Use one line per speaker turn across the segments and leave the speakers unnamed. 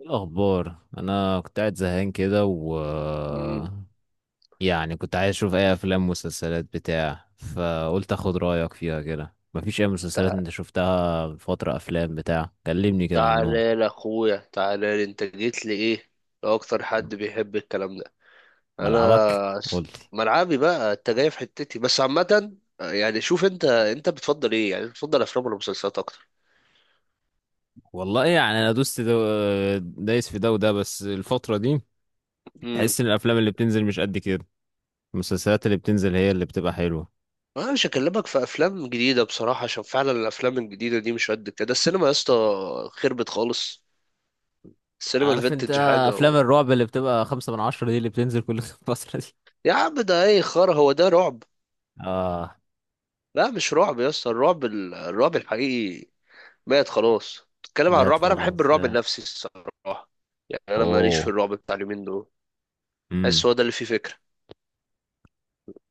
إيه الأخبار؟ أنا كنت قاعد زهقان كده و
مم.
يعني كنت عايز أشوف أي أفلام ومسلسلات بتاع، فقلت أخد رأيك فيها كده. مفيش أي مسلسلات
تع-
أنت شفتها الفترة؟ أفلام بتاع؟ كلمني كده عنهم.
تعالى لي اخويا، تعالى لي. انت جيت لي ايه؟ لو اكتر حد بيحب الكلام ده.
ملعبك.
انا س-
قلت.
ملعبي بقى، انت جاي في حتتي، بس عامة يعني شوف انت، انت بتفضل ايه؟ يعني بتفضل افلام ولا مسلسلات اكتر؟
والله يعني أنا دوست دايس في ده وده، بس الفترة دي
امم
تحس إن الأفلام اللي بتنزل مش قد كده. المسلسلات اللي بتنزل هي اللي بتبقى حلوة.
انا مش هكلمك في افلام جديدة بصراحة، عشان فعلا الافلام الجديدة دي مش قد كده. السينما يا اسطى خربت خالص. السينما
عارف انت؟
الفينتج حاجة
افلام الرعب اللي بتبقى خمسة من عشرة دي اللي بتنزل كل فترة دي.
يا عم ده ايه خرا، هو ده رعب؟
اه.
لا مش رعب يا اسطى، الرعب الرعب الحقيقي مات خلاص. تتكلم عن
مات
الرعب، انا بحب
خلاص
الرعب
يا...
النفسي الصراحه. يعني انا ماليش في
اوه.
الرعب بتاع اليومين دول. بحس
امم
هو ده اللي فيه فكره،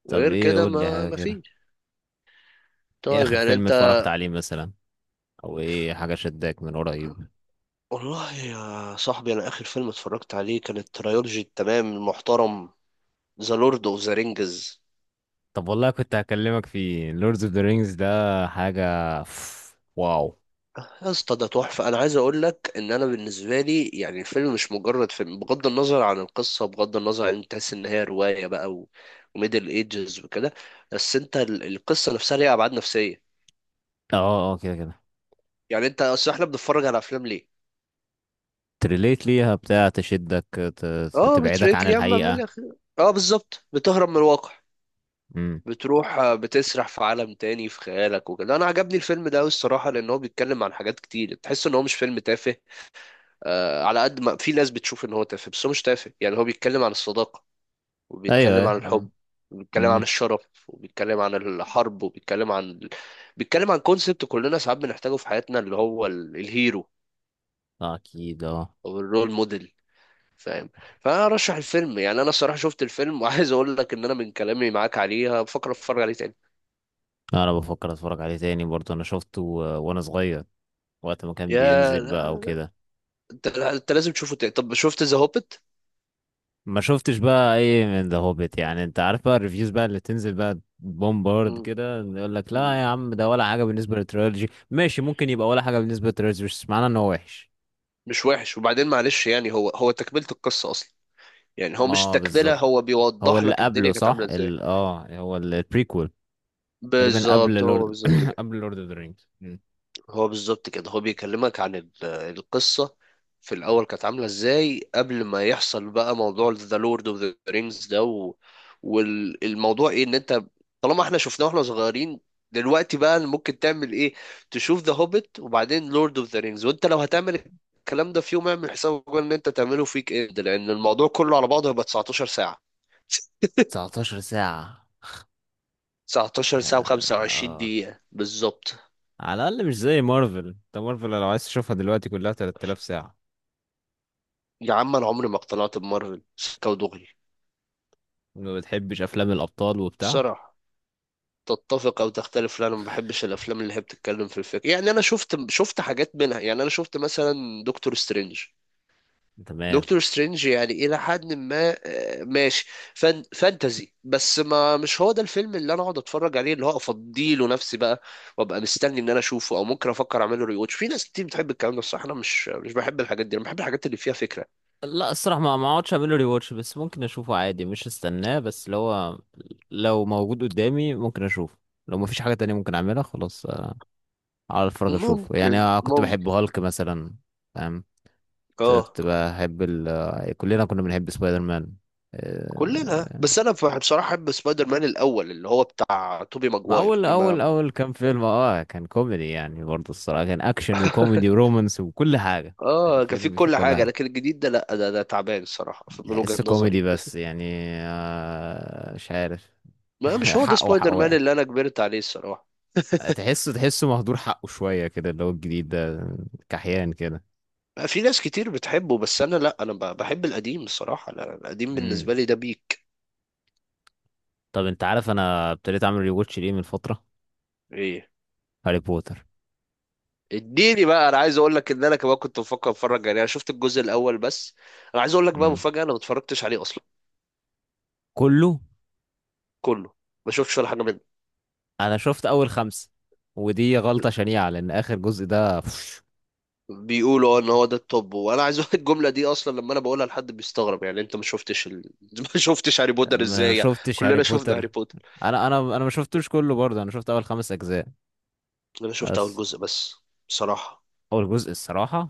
طب
غير
ايه؟
كده
قول لي
ما
حاجه
ما
كده.
فيش.
ايه
طيب
اخر
يعني
فيلم
انت،
اتفرجت عليه مثلا، او ايه حاجه شداك من قريب؟
والله يا صاحبي انا اخر فيلم اتفرجت عليه كانت ترايولوجي التمام المحترم، ذا لورد اوف ذا رينجز.
طب والله كنت هكلمك في لوردز اوف ذا رينجز ده. حاجه. واو.
يا اسطى ده تحفه. انا عايز اقول لك ان انا بالنسبه لي، يعني الفيلم مش مجرد فيلم، بغض النظر عن القصه، بغض النظر عن انت تحس ان هي روايه بقى وميدل ايجز وكده، بس انت القصه نفسها ليها ابعاد نفسيه.
اه اه، كده كده.
يعني انت، اصل احنا بنتفرج على افلام ليه؟
تريليت ليها بتاع تشدك
اه،
تبعدك
بتريك
عن
يا عم، اعمل
الحقيقه.
لك، اه بالظبط بتهرب من الواقع.
امم
بتروح بتسرح في عالم تاني في خيالك وكده. انا عجبني الفيلم ده قوي الصراحه، لان هو بيتكلم عن حاجات كتير، تحس ان هو مش فيلم تافه. آه، على قد ما في ناس بتشوف ان هو تافه، بس هو مش تافه. يعني هو بيتكلم عن الصداقه،
ايوه،
وبيتكلم
ايوه.
عن الحب، وبيتكلم عن
امم
الشرف، وبيتكلم عن الحرب، وبيتكلم عن، بيتكلم عن كونسبت كلنا ساعات بنحتاجه في حياتنا، اللي هو الهيرو
اكيد اه.
او الرول موديل، فاهم. فانا ارشح الفيلم. يعني انا الصراحه شفت الفيلم وعايز اقول لك ان انا من كلامي معاك عليها بفكر اتفرج عليه تاني.
انا بفكر اتفرج عليه تاني برضه. انا شفته وانا صغير، وقت ما كان
يا
بينزل بقى
لا،
وكده.
انت انت لازم تشوفه تاني. طب شفت ذا هوبت؟
ما شفتش بقى اي من ذا هوبيت، يعني انت عارف بقى الريفيوز بقى اللي تنزل بقى بومبارد كده، يقول لك لا يا عم، ده ولا حاجه بالنسبه للتريلوجي. ماشي، ممكن يبقى ولا حاجه بالنسبه للتريلوجي، بس معناه ان هو وحش.
مش وحش. وبعدين معلش، يعني هو تكمله القصه اصلا. يعني هو مش
ما
تكمله،
بالظبط.
هو
هو
بيوضح
اللي
لك
قبله
الدنيا كانت
صح،
عامله ازاي.
ال اه هو البريكول. تقريبا
بالظبط،
قبل لورد قبل لورد اوف ذا رينجز.
هو بالظبط كده، هو بيكلمك عن القصة في الأول كانت عاملة إزاي قبل ما يحصل بقى موضوع ذا لورد اوف ذا رينجز ده والموضوع إيه، إن أنت طالما إحنا شفناه وإحنا صغيرين، دلوقتي بقى ممكن تعمل إيه؟ تشوف ذا هوبيت وبعدين لورد اوف ذا رينجز. وأنت لو هتعمل الكلام ده في يوم، اعمل حسابك إن أنت تعمله فيك إيه، لأن الموضوع كله على بعضه هيبقى 19 ساعة.
19 ساعه.
19 ساعة
اه،
و25
آه.
دقيقة بالظبط.
على الاقل مش زي مارفل. انت مارفل لو عايز تشوفها دلوقتي كلها 3000 ساعه.
يا عم أنا عمري ما اقتنعت بمارفل، سكة ودغري.
ما بتحبش افلام الابطال وبتاع؟
بصراحة تتفق او تختلف، لا انا ما بحبش الافلام اللي هي بتتكلم في الفكره. يعني انا شفت حاجات منها، يعني انا شفت مثلا دكتور سترينج.
تمام.
دكتور سترينج يعني الى حد ما ماشي، فان فانتزي، بس ما مش هو ده الفيلم اللي انا اقعد اتفرج عليه، اللي هو افضيله نفسي بقى، وابقى مستني ان انا اشوفه او ممكن افكر اعمله ريوتش. في ناس كتير بتحب الكلام ده الصراحه، انا مش بحب الحاجات دي، انا بحب الحاجات اللي فيها فكره.
لا، الصراحة ما اقعدش اعمله ري واتش، بس ممكن اشوفه عادي، مش استناه. بس اللي هو لو موجود قدامي ممكن اشوفه. لو مفيش حاجة تانية ممكن اعملها خلاص. على الفرق اشوفه يعني.
ممكن
كنت بحب
ممكن.
هالك مثلا. فاهم. كنت
اه.
كنت بحب ال... آه، كلنا كنا بنحب سبايدر مان.
كلنا،
آه،
بس انا بصراحه احب سبايدر مان الاول اللي هو بتاع توبي
ما
ماجواير،
اول اول
لما
اول كام فيلم، كان كوميدي يعني برضه، الصراحة كان اكشن وكوميدي ورومانس وكل حاجة. كان
اه كان فيه
فيلم فيه
كل
كل
حاجة.
حاجة،
لكن الجديد ده لا، ده ده تعبان الصراحة من وجهة
تحسه كوميدي
نظري.
بس يعني. مش عارف.
ما مش هو ده
حقه حق
سبايدر مان
واقع.
اللي انا كبرت عليه الصراحة.
تحسه مهدور حقه شوية كده، اللي هو الجديد ده. كحيان كده.
في ناس كتير بتحبه بس انا لا، انا بحب القديم الصراحة. لا، القديم
امم
بالنسبة لي ده بيك.
طب انت عارف انا ابتديت اعمل ريواتش ليه من فترة؟
ايه؟
هاري بوتر.
اديني بقى، انا عايز اقول لك ان انا كمان كنت بفكر اتفرج. يعني انا شفت الجزء الاول بس. انا عايز اقول لك بقى
امم
مفاجأة، انا ما اتفرجتش عليه اصلا.
كله.
كله، ما شفتش ولا حاجة منه.
انا شفت اول خمسة، ودي غلطة شنيعة لان اخر جزء ده بوش.
بيقولوا اه ان هو ده التوب. وانا عايز اقول الجمله دي، اصلا لما انا بقولها لحد بيستغرب، يعني انت ما شفتش ما شفتش هاري بوتر
ما
ازاي؟ يعني
شفتش هاري
كلنا شفنا هاري
بوتر.
بوتر.
انا ما شفتوش كله، برضه انا شفت اول خمس اجزاء
انا شفت اول
بس.
جزء بس بصراحه.
اول جزء الصراحة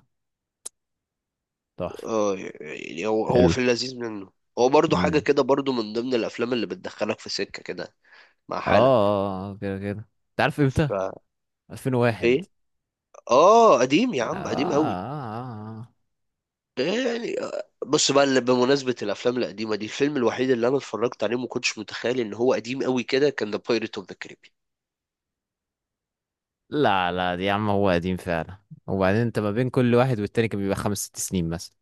تحفة.
اه، يعني هو
حلو.
في اللذيذ منه. هو برضو حاجه
امم
كده، برضو من ضمن الافلام اللي بتدخلك في سكه كده مع
اه.
حالك.
آه، آه، كده كده. انت عارف امتى؟
ف،
2001.
ايه؟ اه قديم يا
آه آه
عم، قديم قوي.
آه. آه، آه.
يعني بص بقى، اللي بمناسبة الأفلام القديمة دي، الفيلم الوحيد اللي أنا اتفرجت عليه ما كنتش متخيل إن هو قديم قوي كده كان ذا بايريت أوف ذا كاريبيان.
لا لا دي يا عم، هو قديم فعلا. وبعدين انت ما بين كل واحد والتاني كان بيبقى خمس ست سنين مثلا.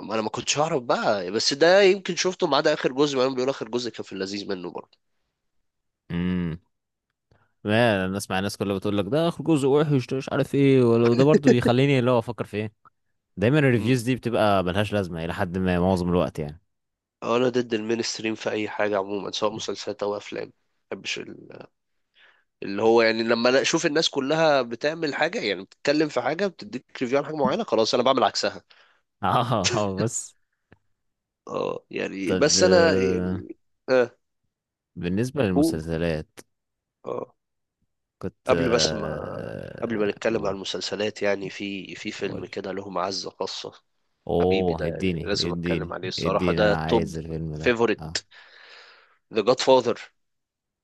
ما انا ما كنتش اعرف بقى، بس ده يمكن شفته ما عدا اخر جزء. ما بيقول اخر جزء، كان في اللذيذ منه برضه.
امم ما انا اسمع الناس كلها بتقول لك ده اخر جزء وحش، ده مش عارف ايه، ولو ده برضو يخليني اللي هو افكر في ايه. دايما
مم.
الريفيوز دي بتبقى ملهاش لازمه الى حد ما معظم الوقت يعني.
انا ضد المينستريم في اي حاجه عموما، سواء مسلسلات او افلام. ما بحبش اللي هو، يعني لما انا اشوف الناس كلها بتعمل حاجه، يعني بتتكلم في حاجه، بتديك ريفيو عن حاجه معينه، خلاص انا بعمل عكسها.
اه اه بس.
اه يعني،
طب
بس انا يعني، اه.
بالنسبه
هو،
للمسلسلات
اه،
كنت
قبل بس ما قبل ما نتكلم عن
اقول.
المسلسلات، يعني في
اقول.
فيلم كده له معزه خاصه. حبيبي
اوه
ده يعني
اديني
لازم اتكلم
اديني
عليه الصراحه،
اديني،
ده
انا
توب
عايز الفيلم ده
فيفوريت،
اه.
ذا جاد فاذر.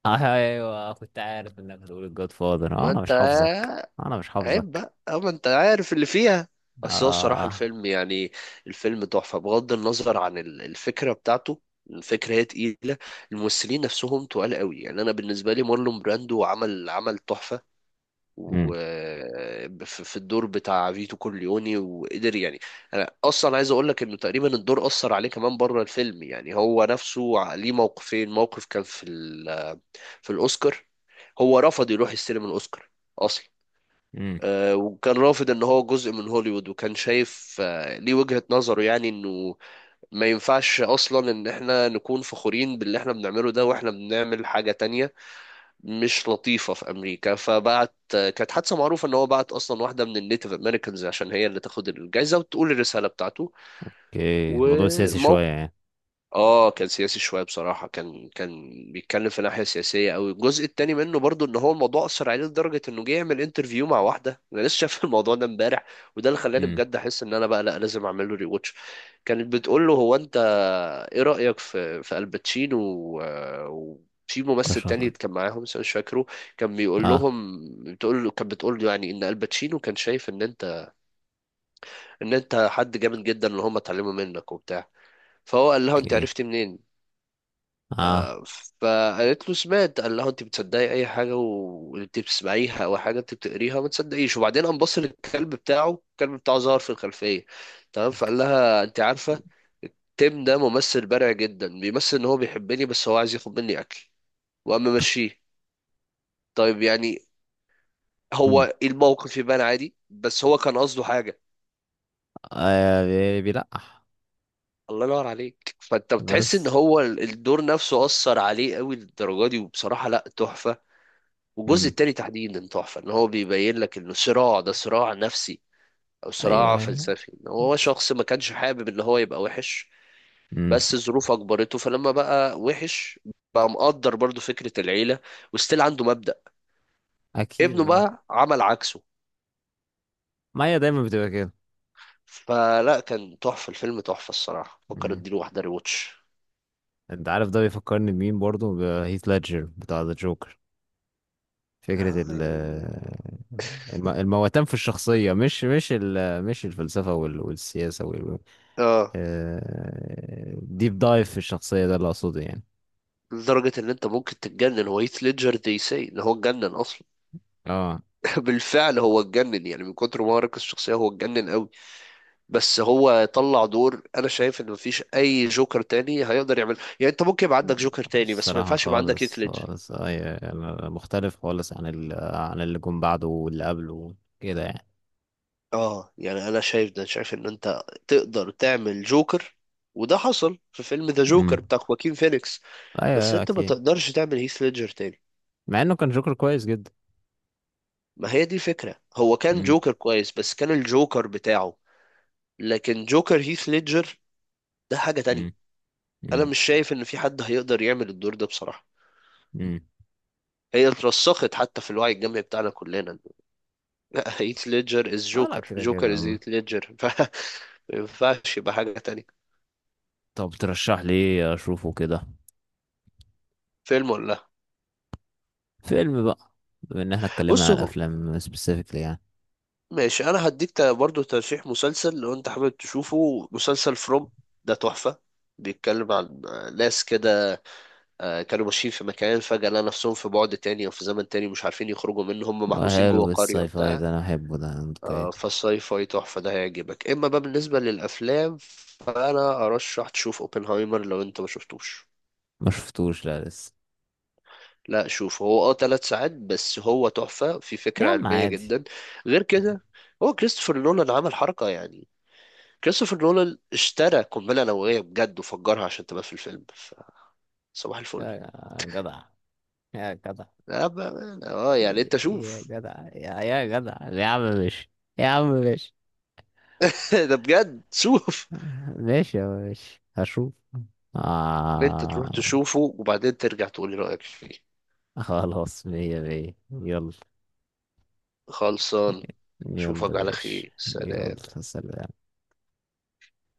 ايوه، كنت عارف انك هتقول الجود فاذر.
ما
انا
انت،
مش حافظك. انا مش
عيب
حافظك.
بقى، اه ما انت عارف اللي فيها. بس هو الصراحة
اه.
الفيلم يعني، الفيلم تحفة بغض النظر عن الفكرة بتاعته. الفكرة هي تقيلة، الممثلين نفسهم تقال قوي. يعني أنا بالنسبة لي مارلون براندو عمل تحفة، و،
امم
في الدور بتاع فيتو كورليوني، وقدر يعني. انا اصلا عايز اقول لك انه تقريبا الدور اثر عليه كمان بره الفيلم. يعني هو نفسه ليه موقفين. موقف كان في، في الأوسكار، هو رفض يروح يستلم الأوسكار أصلا.
امم
وكان رافض ان هو جزء من هوليوود، وكان شايف ليه وجهة نظره، يعني انه ما ينفعش اصلا ان احنا نكون فخورين باللي احنا بنعمله ده واحنا بنعمل حاجة تانية مش لطيفة في امريكا. فبعت كانت حادثة معروفة، ان هو بعت اصلا واحدة من النيتيف امريكانز عشان هي اللي تاخد الجايزة وتقول الرسالة بتاعته.
اوكي. موضوع سياسي شويه
والموقف،
يعني.
اه كان سياسي شويه بصراحه، كان بيتكلم في ناحيه سياسيه قوي. الجزء التاني منه برضو، ان هو الموضوع اثر عليه لدرجه انه جه يعمل انترفيو مع واحده، انا لسه شايف الموضوع ده امبارح، وده اللي خلاني
امم
بجد احس ان انا بقى لا لازم اعمل له ري واتش. كانت بتقول له، هو انت ايه رايك في الباتشينو، وفي ممثل تاني
كشخص.
كان معاهم بس أنا مش فاكره، كان بيقول
اه.
لهم. بتقول له، يعني ان الباتشينو كان شايف ان انت حد جامد جدا اللي هم اتعلموا منك وبتاع. فهو قال لها، انت
اوكي.
عرفتي منين؟
اه.
فقالت له، سمعت. قال لها، انت بتصدقي اي حاجه وانت بتسمعيها، او حاجه انت بتقريها ما تصدقيش. وبعدين قام بص للكلب بتاعه، الكلب بتاعه ظهر في الخلفيه، تمام. فقال لها، انت عارفه، تيم ده ممثل بارع جدا، بيمثل ان هو بيحبني بس هو عايز ياخد مني اكل، وقام ماشيه. طيب يعني،
مم.
هو الموقف يبان عادي بس هو كان قصده حاجه.
بيلقح.
الله ينور عليك. فانت بتحس ان
بس.
هو الدور نفسه اثر عليه قوي للدرجه دي، وبصراحه لا تحفه. والجزء
امم
التاني تحديدا تحفة، ان هو بيبين لك انه صراع، ده صراع نفسي او
ايوه،
صراع
ايوه.
فلسفي، ان هو شخص ما كانش حابب ان هو يبقى وحش،
امم
بس ظروف اجبرته. فلما بقى وحش، بقى مقدر برضو فكرة العيلة، وستيل عنده مبدأ.
اكيد
ابنه
اه.
بقى عمل عكسه.
ما هي دايما بتبقى كده.
فلا كان تحفة، الفيلم تحفة الصراحة، فكر
امم
اديله واحدة ريواتش.
انت عارف ده بيفكرني بمين برضه؟ بهيث ليدجر بتاع ذا جوكر. فكرة
اه يعني-
المواتان في الشخصية، مش الفلسفة والسياسة وال
آه،
ديب دايف في الشخصية، ده اللي أقصده يعني.
لدرجة ان انت ممكن تتجنن. هو هيث ليدجر دي، سي ان هو اتجنن اصلا.
اه،
بالفعل هو اتجنن، يعني من كتر ما هو ركز الشخصية هو اتجنن قوي. بس هو طلع دور انا شايف ان مفيش اي جوكر تاني هيقدر يعمل. يعني انت ممكن يبقى عندك جوكر تاني، بس ما
الصراحة
ينفعش يبقى عندك هيث
خالص
ليدجر.
خالص، أيوة أنا مختلف خالص عن ال عن اللي جم بعده واللي قبله كده يعني.
اه يعني انا شايف ده، شايف ان انت تقدر تعمل جوكر، وده حصل في فيلم ذا جوكر
امم
بتاع خواكين فينيكس،
أيوة
بس
أيوة
انت ما
أكيد.
تقدرش تعمل هيث ليدجر تاني.
مع إنه كان جوكر كويس جدا.
ما هي دي الفكرة، هو كان
امم
جوكر كويس بس كان الجوكر بتاعه. لكن جوكر هيث ليدجر، ده حاجة تانية.
امم
انا
امم
مش شايف ان في حد هيقدر يعمل الدور ده بصراحة.
امم.
هي اترسخت حتى في الوعي الجمعي بتاعنا كلنا، لا، هيت ليدجر از
اه لا
جوكر،
كده
جوكر از
كده.
هيت ليدجر. ما ينفعش يبقى حاجة تانية.
طب ترشح لي إيه أشوفه كده؟
فيلم ولا لا؟
فيلم بقى، بما ان احنا اتكلمنا
بص
عن
هو-
الافلام سبيسيفيكلي يعني.
ماشي، انا برضو ترشيح مسلسل لو انت حابب تشوفه، مسلسل فروم. ده تحفة. بيتكلم عن ناس كده كانوا ماشيين في مكان، فجأة لقوا نفسهم في بعد تاني او في زمن تاني، مش عارفين يخرجوا منه، هم
هو
محبوسين جوه
حلو
قرية
الساي فاي
وبتاع.
ده، انا بحبه ده. اوكي.
فالساي فاي تحفة، ده هيعجبك. اما بقى بالنسبة للافلام، فانا ارشح تشوف اوبنهايمر لو انت ما شفتوش.
ما شفتوش لا لسه.
لا شوف، هو اه 3 ساعات بس هو تحفة في
يا
فكرة
عم
علمية
عادي.
جدا. غير
يا
كده، هو كريستوفر نولان عمل حركة يعني، كريستوفر نولان اشترى قنبلة نووية بجد وفجرها عشان تبقى في الفيلم. صباح الفل.
يا جدع يا جدع
لا بقى، اه يعني انت
يا
شوف.
جدع. يا يا جدع يا عم ماشي. يا عم ماشي.
ده بجد شوف.
ماشي يا عم ماشي. هشوف.
انت تروح
آه.
تشوفه وبعدين ترجع تقولي رأيك فيه.
خلاص، مية مية، يلا.
خلصان.
يلا،
اشوفك على
ماشي.
خير،
يلا.
سلام.
سلام.